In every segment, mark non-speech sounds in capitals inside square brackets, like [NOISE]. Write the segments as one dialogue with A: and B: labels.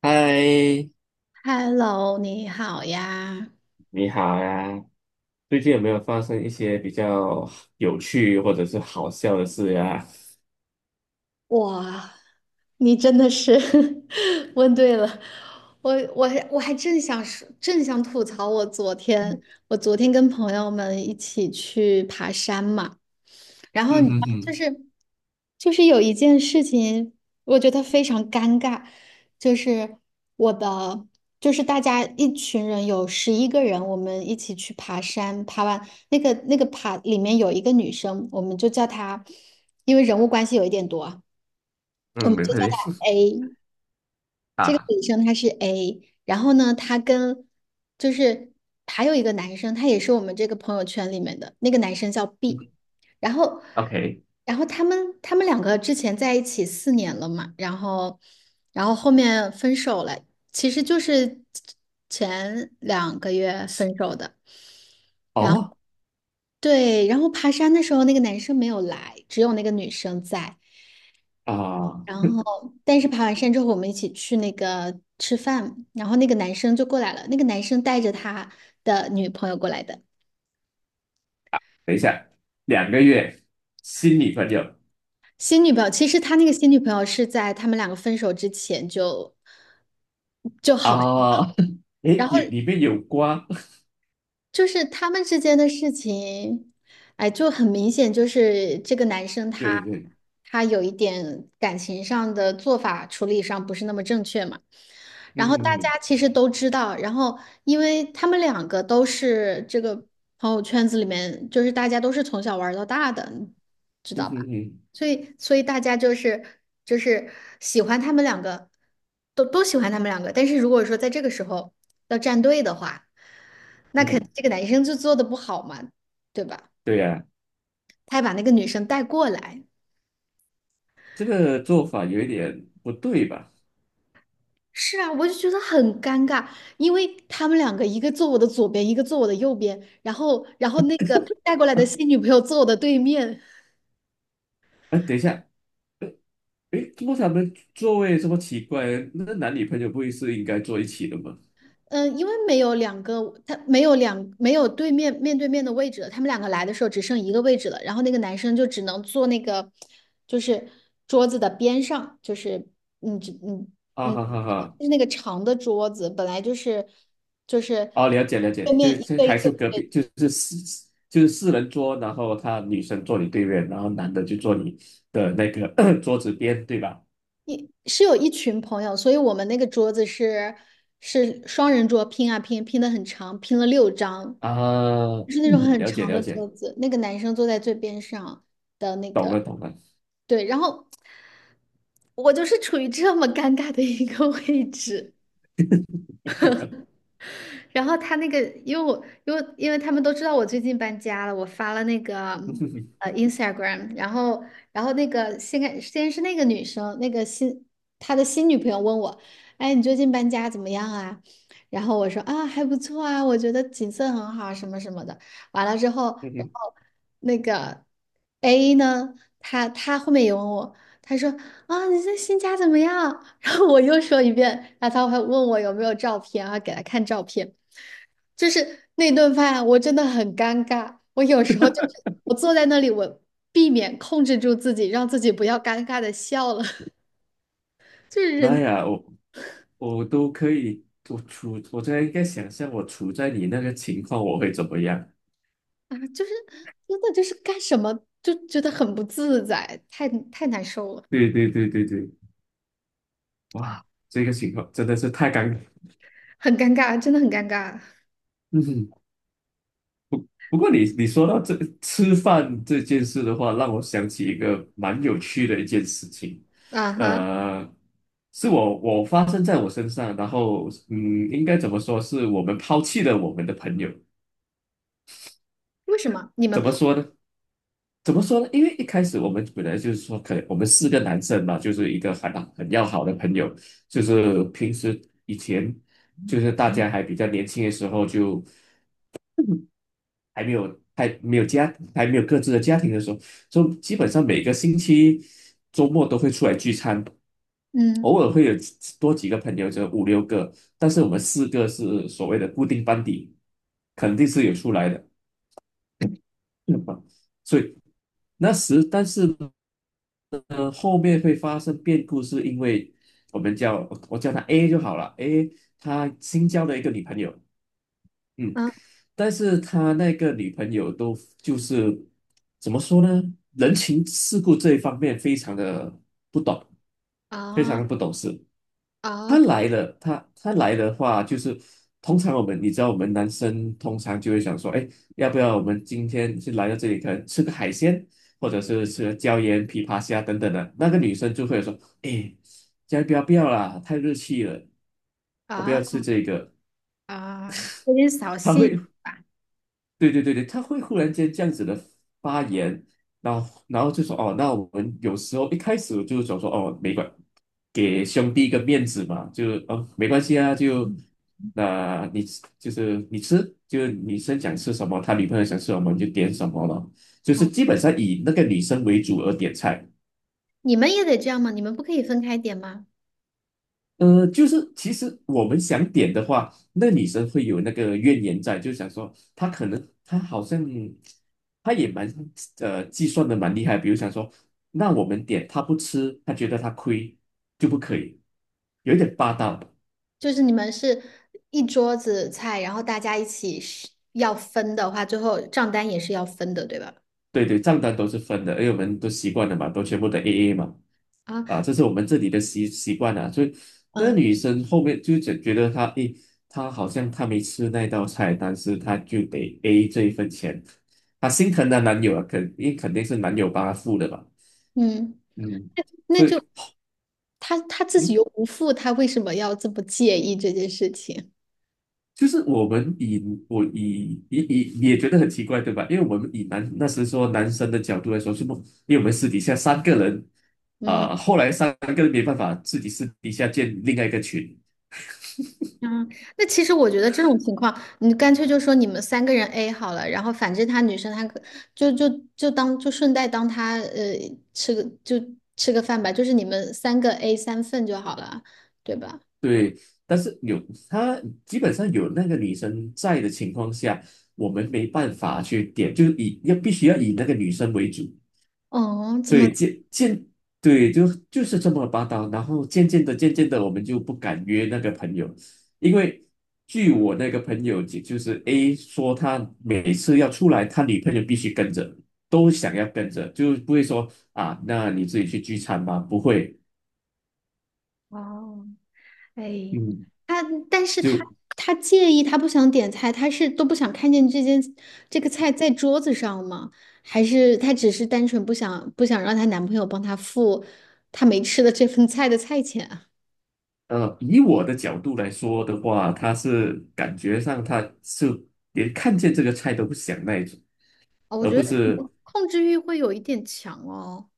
A: 嗨，
B: Hello，你好呀。
A: 你好呀！最近有没有发生一些比较有趣或者是好笑的事呀？
B: 哇，你真的是 [LAUGHS] 问对了，我还正想说，正想吐槽我昨天，我昨天跟朋友们一起去爬山嘛，然后
A: 嗯
B: 你知
A: 哼
B: 道就
A: 哼，
B: 是就是有一件事情，我觉得非常尴尬，就是我的就是大家一群人有11个人，我们一起去爬山，爬完那个爬里面有一个女生，我们就叫她，因为人物关系有一点多。我
A: 嗯，
B: 们
A: 没
B: 就叫
A: 问题
B: 她 A。
A: [LAUGHS]
B: 这个
A: 啊。
B: 女生她是 A，然后呢，她跟就是还有一个男生，他也是我们这个朋友圈里面的那个男生叫 B，然后
A: OK，
B: 然后他们两个之前在一起4年了嘛，然后后面分手了，其实就是前2个月分手的。
A: 哦
B: 对，然后爬山的时候那个男生没有来，只有那个女生在。
A: 啊，
B: 然后，但是爬完山之后，我们一起去那个吃饭，然后那个男生就过来了，那个男生带着他的女朋友过来的，
A: 等一下，两个月新女朋友
B: 新女朋友。其实他那个新女朋友是在他们两个分手之前就就好，
A: 啊？[LAUGHS] 诶，
B: 然后
A: 有里面有瓜？[LAUGHS]
B: 就是他们之间的事情，哎，就很明显，就是这个男生他
A: 对对对，
B: 他有一点感情上的做法处理上不是那么正确嘛。然后大
A: 嗯，
B: 家其实都知道，然后因为他们两个都是这个朋友圈子里面，就是大家都是从小玩到大的，你知
A: 嗯
B: 道
A: 哼
B: 吧？
A: 哼，
B: 所以大家就是喜欢他们两个，都喜欢他们两个。但是如果说在这个时候要站队的话，那
A: 嗯，
B: 肯
A: 哼，
B: 这个男生就做的不好嘛，对吧？
A: 对呀，
B: 他还把那个女生带过来。
A: 这个做法有一点不对吧？
B: 是啊，我就觉得很尴尬，因为他们两个一个坐我的左边，一个坐我的右边，然后那个带过来的新女朋友坐我的对面，
A: 哎，等一下，诶，不过他们座位这么奇怪，那男女朋友不会是应该坐一起的吗？
B: 嗯，因为没有两个，他没有两没有对面面对面的位置了，他们两个来的时候只剩一个位置了，然后那个男生就只能坐那个就是桌子的边上，就是嗯只嗯
A: 啊
B: 嗯，
A: 哈哈哈！
B: 就是那个长的桌子，本来就是
A: 哦，了解了解，
B: 对
A: 就
B: 面一
A: 是
B: 个一
A: 还是隔
B: 个。
A: 壁，就是四人桌，然后他女生坐你对面，然后男的就坐你的那个 [CLEARS THROAT] 桌子边，对吧？
B: 一是有一群朋友，所以我们那个桌子是双人桌，拼啊拼，拼的很长，拼了6张，
A: 啊，
B: 就是那种
A: 嗯，
B: 很
A: 了解
B: 长的
A: 了
B: 桌
A: 解，
B: 子。那个男生坐在最边上的那
A: 懂
B: 个，
A: 了懂了。
B: 对，然后我就是处于这么尴尬的一个 [LAUGHS] 位置。然后他那个，因为我因为因为他们都知道我最近搬家了，我发了那个
A: [LAUGHS]
B: Instagram，然后那个先开先是那个女生，那个新她的新女朋友问我，哎，你最近搬家怎么样啊？然后我说啊还不错啊，我觉得景色很好啊什么什么的。完了之后，然后那个 A 呢，他后面也问我，他说啊你这新家怎么样？[LAUGHS] 我又说一遍，然后他还问我有没有照片，啊，给他看照片。就是那顿饭啊，我真的很尴尬。我有时候就是我坐在那里，我避免控制住自己，让自己不要尴尬的笑了。[LAUGHS] 就是
A: 妈
B: 人
A: 呀，我都可以，我现在应该想象我处在你那个情况，我会怎么样？
B: 啊，就是真的就是干什么就觉得很不自在，太难受了，
A: 对对对对对，哇，这个情况真的是太尴尬。
B: 很尴尬，真的很尴尬
A: 嗯哼，不过你说到这吃饭这件事的话，让我想起一个蛮有趣的一件事情，
B: 啊哈！
A: 呃，是我发生在我身上，然后应该怎么说是我们抛弃了我们的朋友，
B: 为什么你们
A: 怎么
B: 泡？
A: 说呢？怎么说呢？因为一开始我们本来就是说，可能我们四个男生嘛，就是一个很要好的朋友，就是平时以前就是大家还比较年轻的时候就。还没有各自的家庭的时候，就基本上每个星期周末都会出来聚餐，
B: 嗯
A: 偶尔会有多几个朋友，就五六个，但是我们四个是所谓的固定班底，肯定是有出来的，嗯所以那时但是呢，后面会发生变故，是因为我叫他 A 就好了，A 他新交了一个女朋友。嗯，
B: 啊
A: 但是他那个女朋友都就是怎么说呢？人情世故这一方面不懂，非常的
B: 啊
A: 不懂事。他
B: 啊
A: 来了，他他来的话，就是通常我们你知道，我们男生通常就会想说，哎，要不要我们今天是来到这里，可能吃个海鲜，或者是吃个椒盐琵琶虾等等的。那个女生就会说，哎，先不要不要啦，太热气了，我不
B: 啊
A: 要吃这个。[LAUGHS]
B: 啊，有点扫
A: 他会
B: 兴吧？
A: 对对对对，他会忽然间这样子的发言，然后就说哦，那我们有时候一开始就想说哦，没关，给兄弟一个面子嘛，就哦没关系啊，你就是你吃，就女生想吃什么，他女朋友想吃什么你就点什么了，就
B: 啊。
A: 是基本上以那个女生为主而点菜。
B: 你们也得这样吗？你们不可以分开点吗？
A: 就是其实我们想点的话，那女生会有那个怨言在，就想说她可能她好像她也蛮计算的蛮厉害，比如想说，那我们点她不吃，她觉得她亏就不可以，有一点霸道。
B: 就是你们是一桌子菜，然后大家一起是要分的话，最后账单也是要分的，对吧？
A: 对对，账单都是分的，因为我们都习惯了嘛，都全部的 AA 嘛，
B: 啊，
A: 啊，这是我们这里的习惯啊。所以那个
B: 嗯
A: 女生后面就觉得她，诶，她好像她没吃那道菜，但是她就得 A 这一份钱，她心疼她男友啊，因为肯定是男友帮她付的嘛，
B: 嗯，
A: 嗯，
B: 那
A: 所
B: 就
A: 以。
B: 他自己又
A: 嗯。
B: 不付，他为什么要这么介意这件事情？
A: 就是我们以我以以以你也觉得很奇怪对吧？因为我们以男那时说男生的角度来说，是不？因为我们私底下三个人，
B: 嗯
A: 啊、后来三个人没办法自己私底下建另外一个群，
B: 嗯，那其实我觉得这种情况，你干脆就说你们3个人 A 好了，然后反正他女生她可就就当就顺带当他呃吃个就吃个饭吧，就是你们三个 A 3份就好了，对吧？
A: 对。但是他基本上有那个女生在的情况下，我们没办法去点，就是必须要以那个女生为主。
B: 哦，怎
A: 所
B: 么？
A: 以渐渐对，就是这么霸道。然后渐渐的、渐渐的，我们就不敢约那个朋友，因为据我那个朋友，就是 A 说，他每次要出来，他女朋友必须跟着，都想要跟着，就不会说啊，那你自己去聚餐吧，不会。
B: 哦，哎，
A: 嗯，
B: 他，但是他
A: 就
B: 他介意，他不想点菜，他是都不想看见这件这个菜在桌子上吗？还是他只是单纯不想让她男朋友帮她付她没吃的这份菜的菜钱啊？
A: 以我的角度来说的话，他是感觉上连看见这个菜都不想那一种。
B: 哦，我
A: 而
B: 觉
A: 不
B: 得可能
A: 是
B: 控制欲会有一点强哦。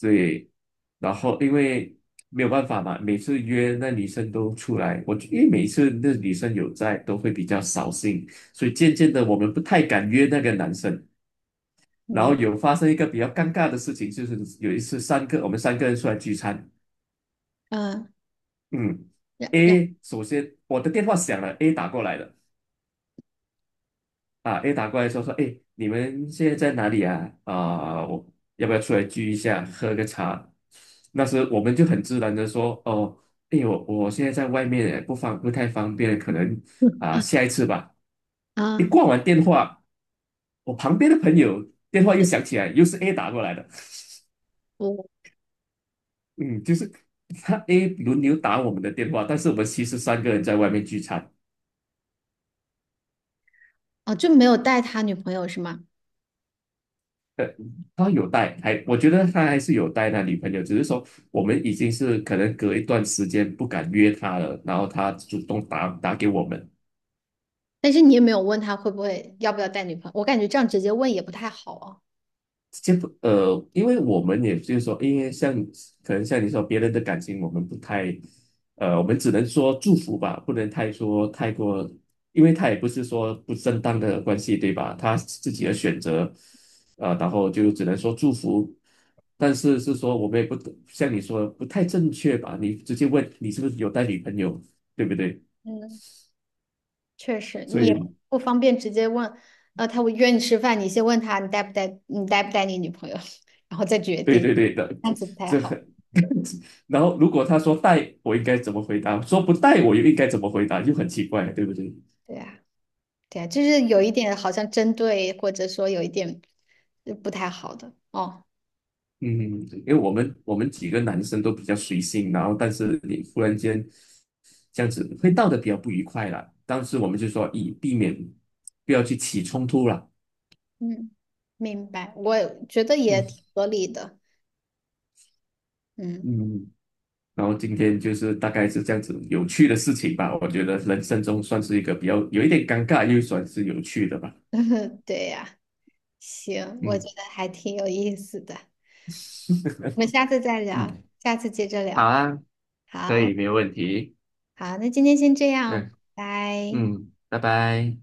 A: 对，然后因为没有办法嘛，每次约那女生都出来，因为每次那女生有在，都会比较扫兴，所以渐渐的我们不太敢约那个男生。然
B: 嗯
A: 后有发生一个比较尴尬的事情，就是有一次我们三个人出来聚餐，
B: 嗯，
A: 嗯
B: 然然
A: ，A 首先我的电话响了，A 打过来了。啊，a 打过来说，诶，你们现在在哪里啊？啊，我要不要出来聚一下，喝个茶？那时我们就很自然的说，哦，诶，我现在在外面欸，不太方便，可能啊
B: [LAUGHS]
A: 下一次吧。一
B: 啊，
A: 挂完电话，我旁边的朋友电话又响起来，又是 A 打过来的，
B: 我
A: 嗯，就是 [LAUGHS] A 轮流打我们的电话，但是我们其实三个人在外面聚餐。
B: 哦就没有带他女朋友是吗？
A: 对，他有带，我觉得他还是有带那女朋友，只是说我们已经是可能隔一段时间不敢约他了，然后他主动打给我们，
B: 但是你也没有问他会不会要不要带女朋友，我感觉这样直接问也不太好哦。
A: 这不呃，因为我们也就是说，因为像可能像你说别人的感情，我们不太我们只能说祝福吧，不能太说太过，因为他也不是说不正当的关系，对吧？他自己的选择，然后就只能说祝福，但是是说我们也不像你说的不太正确吧？你直接问你是不是有带女朋友，对不对？
B: 嗯确实，
A: 所
B: 你
A: 以
B: 也不方便直接问，呃，他会约你吃饭，你先问他你带不带，你带不带你女朋友，[LAUGHS] 然后再决
A: [LAUGHS] 对
B: 定，
A: 对对的，
B: 这样子不
A: [LAUGHS]
B: 太
A: 这
B: 好。
A: 很。[LAUGHS] 然后如果他说带，我应该怎么回答？说不带，我又应该怎么回答？就很奇怪，对不对？
B: 对呀，对呀，就是有一点好像针对，或者说有一点呃不太好的哦。
A: 嗯，因为我们几个男生都比较随性，然后但是你忽然间这样子会闹得比较不愉快啦。当时我们就说以避免不要去起冲突啦。
B: 嗯，明白，我觉得也
A: 嗯，
B: 挺合理的。嗯，
A: 嗯，然后今天就是大概是这样子有趣的事情吧，我觉得人生中算是一个比较有一点尴尬，又算是有趣的吧。
B: [LAUGHS] 对呀，行，我觉
A: 嗯，
B: 得还挺有意思的。我们下次再聊，
A: 嗯，
B: 下次接着
A: 好
B: 聊。
A: 啊，可
B: 好，
A: 以，没有问题。
B: 好，那今天先这样，
A: 嗯，
B: 拜。
A: 嗯，拜拜。